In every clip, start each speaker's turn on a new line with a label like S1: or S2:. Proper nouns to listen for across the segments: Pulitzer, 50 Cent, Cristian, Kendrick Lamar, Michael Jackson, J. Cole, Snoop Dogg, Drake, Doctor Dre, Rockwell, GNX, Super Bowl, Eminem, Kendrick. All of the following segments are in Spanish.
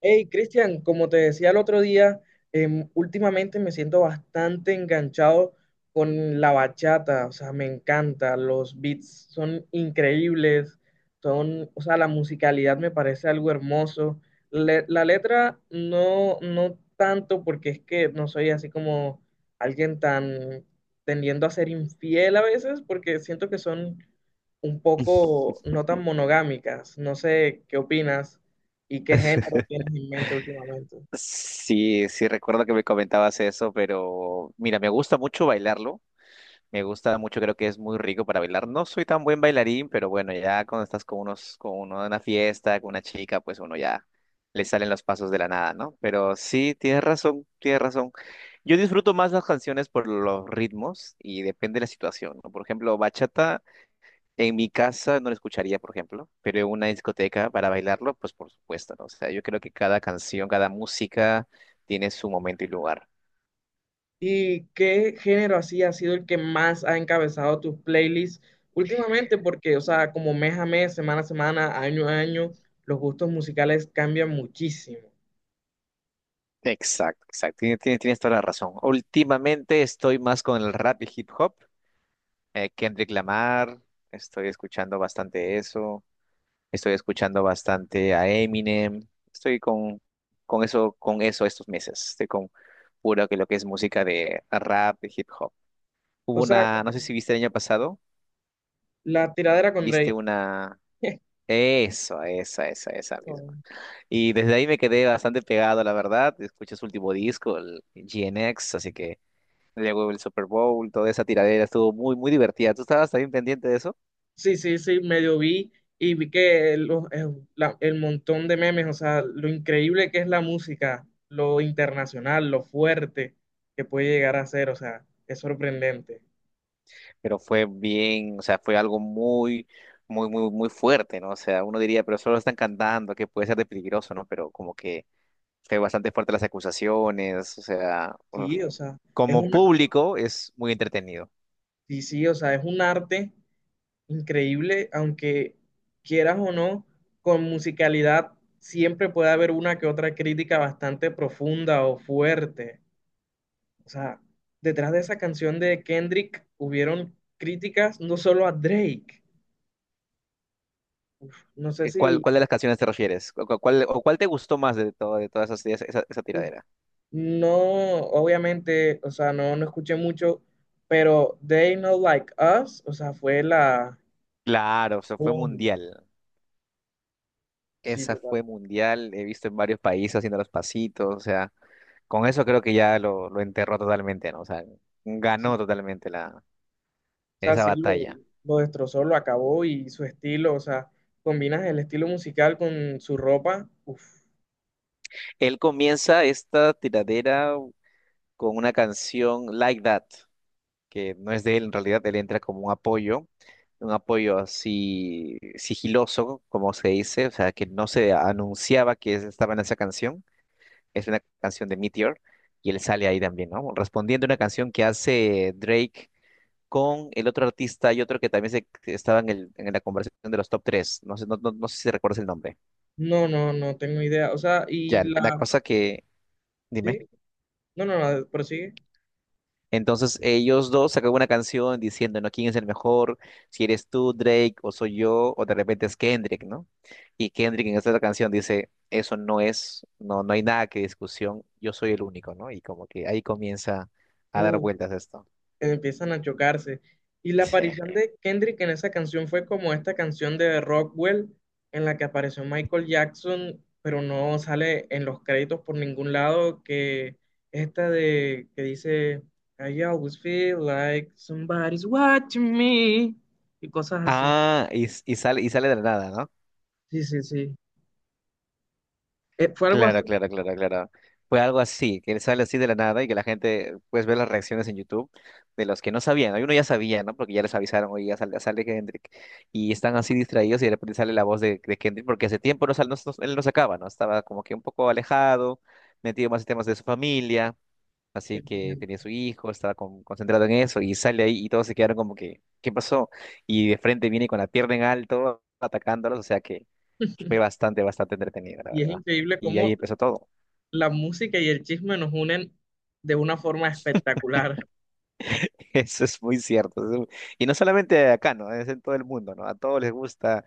S1: Hey, Cristian, como te decía el otro día, últimamente me siento bastante enganchado con la bachata, o sea, me encanta, los beats son increíbles, o sea, la musicalidad me parece algo hermoso. La letra no, no tanto porque es que no soy así como alguien tan tendiendo a ser infiel a veces, porque siento que son un poco no tan monogámicas, no sé qué opinas. ¿Y qué género tienes en mente últimamente?
S2: Sí, sí, recuerdo que me comentabas eso, pero mira, me gusta mucho bailarlo. Me gusta mucho, creo que es muy rico para bailar. No soy tan buen bailarín, pero bueno, ya cuando estás con unos, con uno en una fiesta, con una chica, pues uno ya le salen los pasos de la nada, ¿no? Pero sí, tienes razón, tienes razón. Yo disfruto más las canciones por los ritmos y depende de la situación, ¿no? Por ejemplo, bachata. En mi casa no lo escucharía, por ejemplo, pero en una discoteca para bailarlo, pues por supuesto, ¿no? O sea, yo creo que cada canción, cada música tiene su momento y lugar.
S1: ¿Y qué género así ha sido el que más ha encabezado tus playlists últimamente? Porque, o sea, como mes a mes, semana a semana, año a año, los gustos musicales cambian muchísimo.
S2: Exacto, exacto. Tienes toda la razón. Últimamente estoy más con el rap y hip hop. Kendrick Lamar, estoy escuchando bastante eso. Estoy escuchando bastante a Eminem. Estoy con eso estos meses. Estoy con puro que lo que es música de rap y hip hop. Hubo
S1: O sea,
S2: una, no
S1: como
S2: sé si viste el año pasado.
S1: la tiradera con
S2: viste
S1: Drake.
S2: una... Eso, esa, esa, esa
S1: No.
S2: misma. Y desde ahí me quedé bastante pegado, la verdad. Escuché su último disco, el GNX, así que luego el Super Bowl, toda esa tiradera estuvo muy, muy divertida. Tú estabas también pendiente de eso,
S1: Sí, sí, sí, medio vi y vi que el montón de memes, o sea, lo increíble que es la música, lo internacional, lo fuerte que puede llegar a ser, o sea, es sorprendente.
S2: pero fue bien, o sea, fue algo muy, muy, muy, muy fuerte, ¿no? O sea, uno diría, pero solo están cantando, que puede ser de peligroso, ¿no? Pero como que fue bastante fuerte las acusaciones, o sea, uf,
S1: Sí, o sea, es El
S2: como
S1: una,
S2: público es muy entretenido.
S1: sí, sí, o sea, es un arte increíble, aunque quieras o no, con musicalidad siempre puede haber una que otra crítica bastante profunda o fuerte. O sea, detrás de esa canción de Kendrick hubieron críticas no solo a Drake. No sé
S2: Eh,
S1: si,
S2: ¿Cuál, cuál de las canciones te refieres? ¿Cuál, o cuál te gustó más de todas esas, esa tiradera?
S1: no, obviamente, o sea, no, no escuché mucho, pero They Not Like Us, o sea, fue la...
S2: Claro, o sea, fue
S1: Boom.
S2: mundial.
S1: Sí,
S2: Esa
S1: total.
S2: fue mundial. He visto en varios países haciendo los pasitos. O sea, con eso creo que ya lo enterró totalmente, ¿no? O sea, ganó totalmente
S1: O sea,
S2: esa
S1: sí, lo,
S2: batalla.
S1: lo destrozó, lo acabó y su estilo, o sea, combinas el estilo musical con su ropa. Uf,
S2: Él comienza esta tiradera con una canción Like That. Que no es de él, en realidad él entra como un apoyo así sigiloso, como se dice, o sea, que no se anunciaba que estaba en esa canción, es una canción de Meteor, y él sale ahí también, ¿no? Respondiendo a una canción que hace Drake con el otro artista y otro que también que estaba en, en la conversación de los top tres, no sé, no, no, no sé si recuerdas el nombre.
S1: no, no, no tengo idea. O sea, y
S2: Ya, la
S1: la...
S2: cosa que,
S1: Sí,
S2: dime.
S1: no, no, no, prosigue.
S2: Entonces ellos dos sacan una canción diciendo, ¿no? ¿Quién es el mejor? Si eres tú, Drake, o soy yo, o de repente es Kendrick, ¿no? Y Kendrick en esta otra canción dice, eso no es, no, no hay nada que discusión, yo soy el único, ¿no? Y como que ahí comienza a dar
S1: Uf.
S2: vueltas esto.
S1: Empiezan a chocarse. Y la
S2: Sí.
S1: aparición de Kendrick en esa canción fue como esta canción de Rockwell en la que apareció Michael Jackson, pero no sale en los créditos por ningún lado, que esta de que dice I always feel like somebody's watching me y cosas así.
S2: Ah, y sale de la nada, ¿no?
S1: Sí, sí, sí. Fue algo así.
S2: Claro, claro, claro, claro. Fue algo así, que sale así de la nada y que la gente pues ve las reacciones en YouTube de los que no sabían. Algunos ya sabían, ¿no? Porque ya les avisaron, oye, ya sale Kendrick. Y están así distraídos y de repente sale la voz de Kendrick, porque hace tiempo no, él no sacaba, ¿no? Estaba como que un poco alejado, metido más en temas de su familia. Así que tenía su hijo, estaba concentrado en eso y sale ahí y todos se quedaron como que, ¿qué pasó? Y de frente viene con la pierna en alto atacándolos, o sea que fue bastante, bastante entretenido, la
S1: Y es
S2: verdad.
S1: increíble
S2: Y ahí
S1: cómo
S2: empezó todo.
S1: la música y el chisme nos unen de una forma espectacular.
S2: Eso es muy cierto. Y no solamente acá, ¿no? Es en todo el mundo, ¿no? A todos les gusta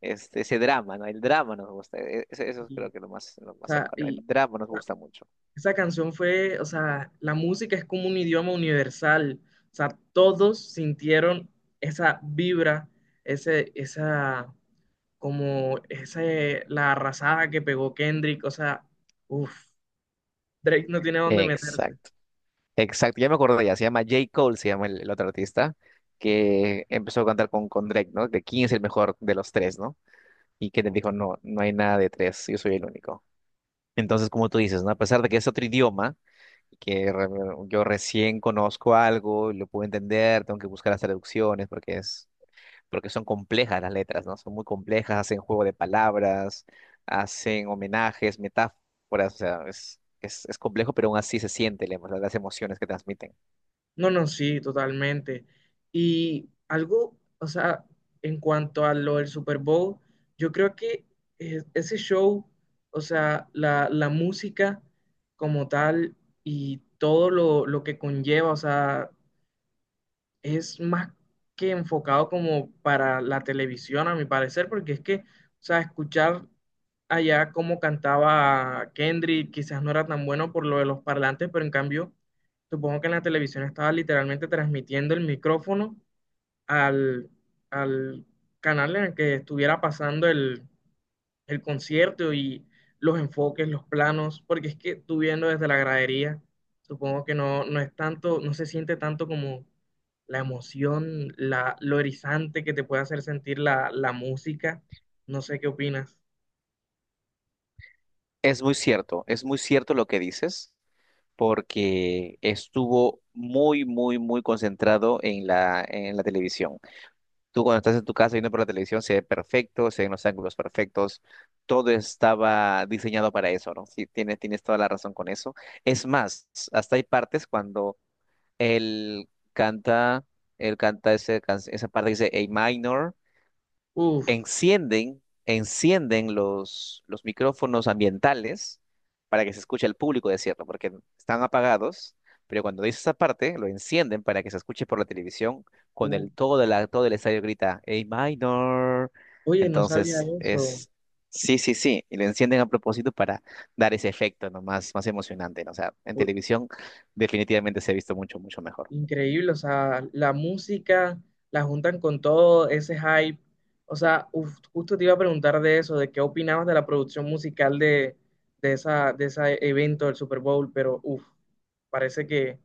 S2: ese drama, ¿no? El drama nos gusta. Eso, eso
S1: Y,
S2: creo que es lo
S1: o
S2: más
S1: sea,
S2: cercano. El drama nos gusta mucho.
S1: esa canción fue, o sea, la música es como un idioma universal. O sea, todos sintieron esa vibra, ese, esa, como, ese, la arrasada que pegó Kendrick. O sea, uff, Drake no tiene dónde meter.
S2: Exacto. Exacto, ya me acordé, ya se llama J. Cole, se llama el otro artista, que empezó a cantar con Drake, ¿no? De quién es el mejor de los tres, ¿no? Y que le dijo, no, no hay nada de tres, yo soy el único. Entonces, como tú dices, ¿no? A pesar de que es otro idioma, que re- yo recién conozco algo, y lo puedo entender, tengo que buscar las traducciones porque son complejas las letras, ¿no? Son muy complejas, hacen juego de palabras, hacen homenajes, metáforas, o sea, es complejo, pero aún así se siente las emociones que transmiten.
S1: No, no, sí, totalmente. Y algo, o sea, en cuanto a lo del Super Bowl, yo creo que ese show, o sea, la música como tal y todo lo que conlleva, o sea, es más que enfocado como para la televisión, a mi parecer, porque es que, o sea, escuchar allá cómo cantaba Kendrick quizás no era tan bueno por lo de los parlantes, pero en cambio, supongo que en la televisión estaba literalmente transmitiendo el micrófono al, al canal en el que estuviera pasando el concierto y los enfoques, los planos, porque es que tú viendo desde la gradería, supongo que no, no es tanto, no se siente tanto como la emoción, lo erizante que te puede hacer sentir la música. No sé qué opinas.
S2: Es muy cierto lo que dices, porque estuvo muy, muy, muy concentrado en la televisión. Tú cuando estás en tu casa viendo por la televisión se ve perfecto, se ven los ángulos perfectos, todo estaba diseñado para eso, ¿no? Sí, tienes toda la razón con eso. Es más, hasta hay partes cuando él canta, él canta esa parte que dice A minor.
S1: Uf,
S2: Encienden los micrófonos ambientales para que se escuche al público decirlo, porque están apagados, pero cuando dice esa parte, lo encienden para que se escuche por la televisión, con
S1: uf.
S2: el todo, la, todo el estadio grita, A minor.
S1: Oye, no sabía
S2: Entonces
S1: eso.
S2: sí, sí, sí, y lo encienden a propósito para dar ese efecto, ¿no? Más, más emocionante, ¿no? O sea, en televisión definitivamente se ha visto mucho, mucho mejor.
S1: Increíble, o sea, la música la juntan con todo ese hype. O sea, uf, justo te iba a preguntar de eso, de qué opinabas de la producción musical de esa, de ese evento del Super Bowl, pero uf, parece que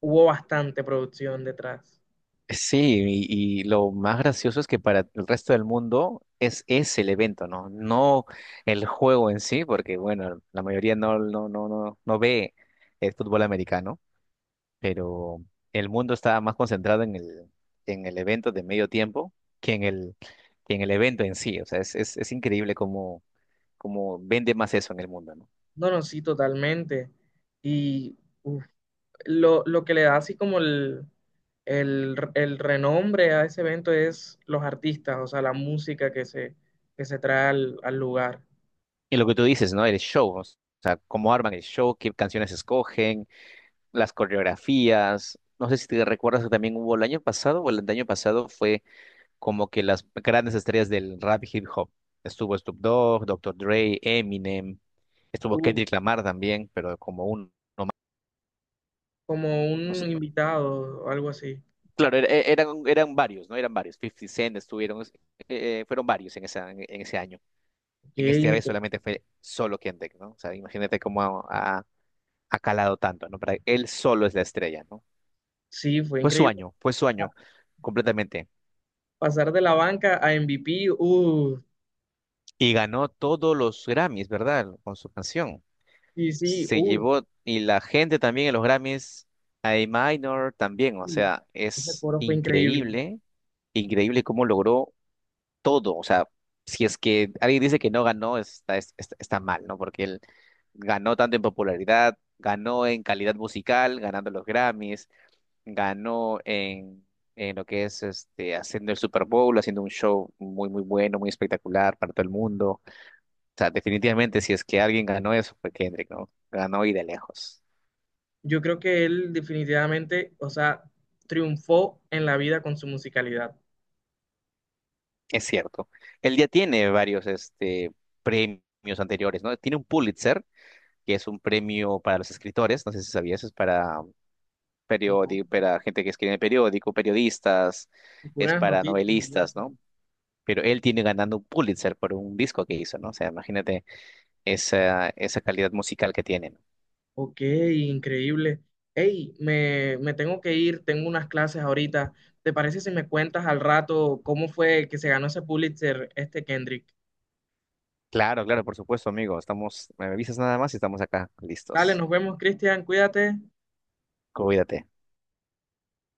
S1: hubo bastante producción detrás.
S2: Sí, y lo más gracioso es que para el resto del mundo es ese el evento, ¿no? No el juego en sí, porque bueno, la mayoría no, no, no, no, no ve el fútbol americano, pero el mundo está más concentrado en el evento de medio tiempo que que en el evento en sí. O sea, es increíble cómo vende más eso en el mundo, ¿no?
S1: No, no, sí, totalmente. Y uf, lo que le da así como el renombre a ese evento es los artistas, o sea, la música que se trae al lugar.
S2: Y lo que tú dices, ¿no? El show, o sea, cómo arman el show, qué canciones escogen las coreografías. No sé si te recuerdas que también hubo el año pasado o el año pasado fue como que las grandes estrellas del rap y hip hop. Estuvo Snoop Dogg, Doctor Dre, Eminem, estuvo
S1: Uf,
S2: Kendrick Lamar también, pero como un...
S1: como
S2: O
S1: un
S2: sea,
S1: invitado o algo así.
S2: claro, eran varios, ¿no? Eran varios. 50 Cent estuvieron, fueron varios en ese año.
S1: Ok,
S2: En este vez solamente fue solo Kendrick, ¿no? O sea, imagínate cómo ha calado tanto, ¿no? Para él solo es la estrella, ¿no?
S1: sí, fue increíble.
S2: Fue su
S1: Ah,
S2: año completamente.
S1: pasar de la banca a MVP,
S2: Y ganó todos los Grammys, ¿verdad? Con su canción.
S1: sí, sí,
S2: Se llevó, y la gente también en los Grammys, A Minor también, o
S1: sí.
S2: sea,
S1: Ese
S2: es
S1: coro fue increíble.
S2: increíble, increíble cómo logró todo. O sea, si es que alguien dice que no ganó, está mal, ¿no? Porque él ganó tanto en popularidad, ganó en calidad musical, ganando los Grammys, ganó en lo que es este, haciendo el Super Bowl, haciendo un show muy, muy bueno, muy espectacular para todo el mundo. O sea, definitivamente, si es que alguien ganó eso, fue Kendrick, ¿no? Ganó y de lejos.
S1: Yo creo que él definitivamente, o sea, triunfó en la vida con su musicalidad.
S2: Es cierto. Él ya tiene varios este, premios anteriores, ¿no? Tiene un Pulitzer, que es un premio para los escritores, no sé si sabías, es para
S1: ¿No?
S2: periódico, para gente que escribe en el periódico, periodistas,
S1: Y
S2: es
S1: puras
S2: para
S1: noticias y
S2: novelistas,
S1: eso.
S2: ¿no? Pero él tiene ganando un Pulitzer por un disco que hizo, ¿no? O sea, imagínate esa calidad musical que tienen.
S1: Ok, increíble. Hey, me tengo que ir, tengo unas clases ahorita. ¿Te parece si me cuentas al rato cómo fue que se ganó ese Pulitzer, este Kendrick?
S2: Claro, claro, por supuesto, amigo. Estamos, me avisas nada más y estamos acá,
S1: Dale,
S2: listos.
S1: nos vemos, Cristian, cuídate.
S2: Cuídate.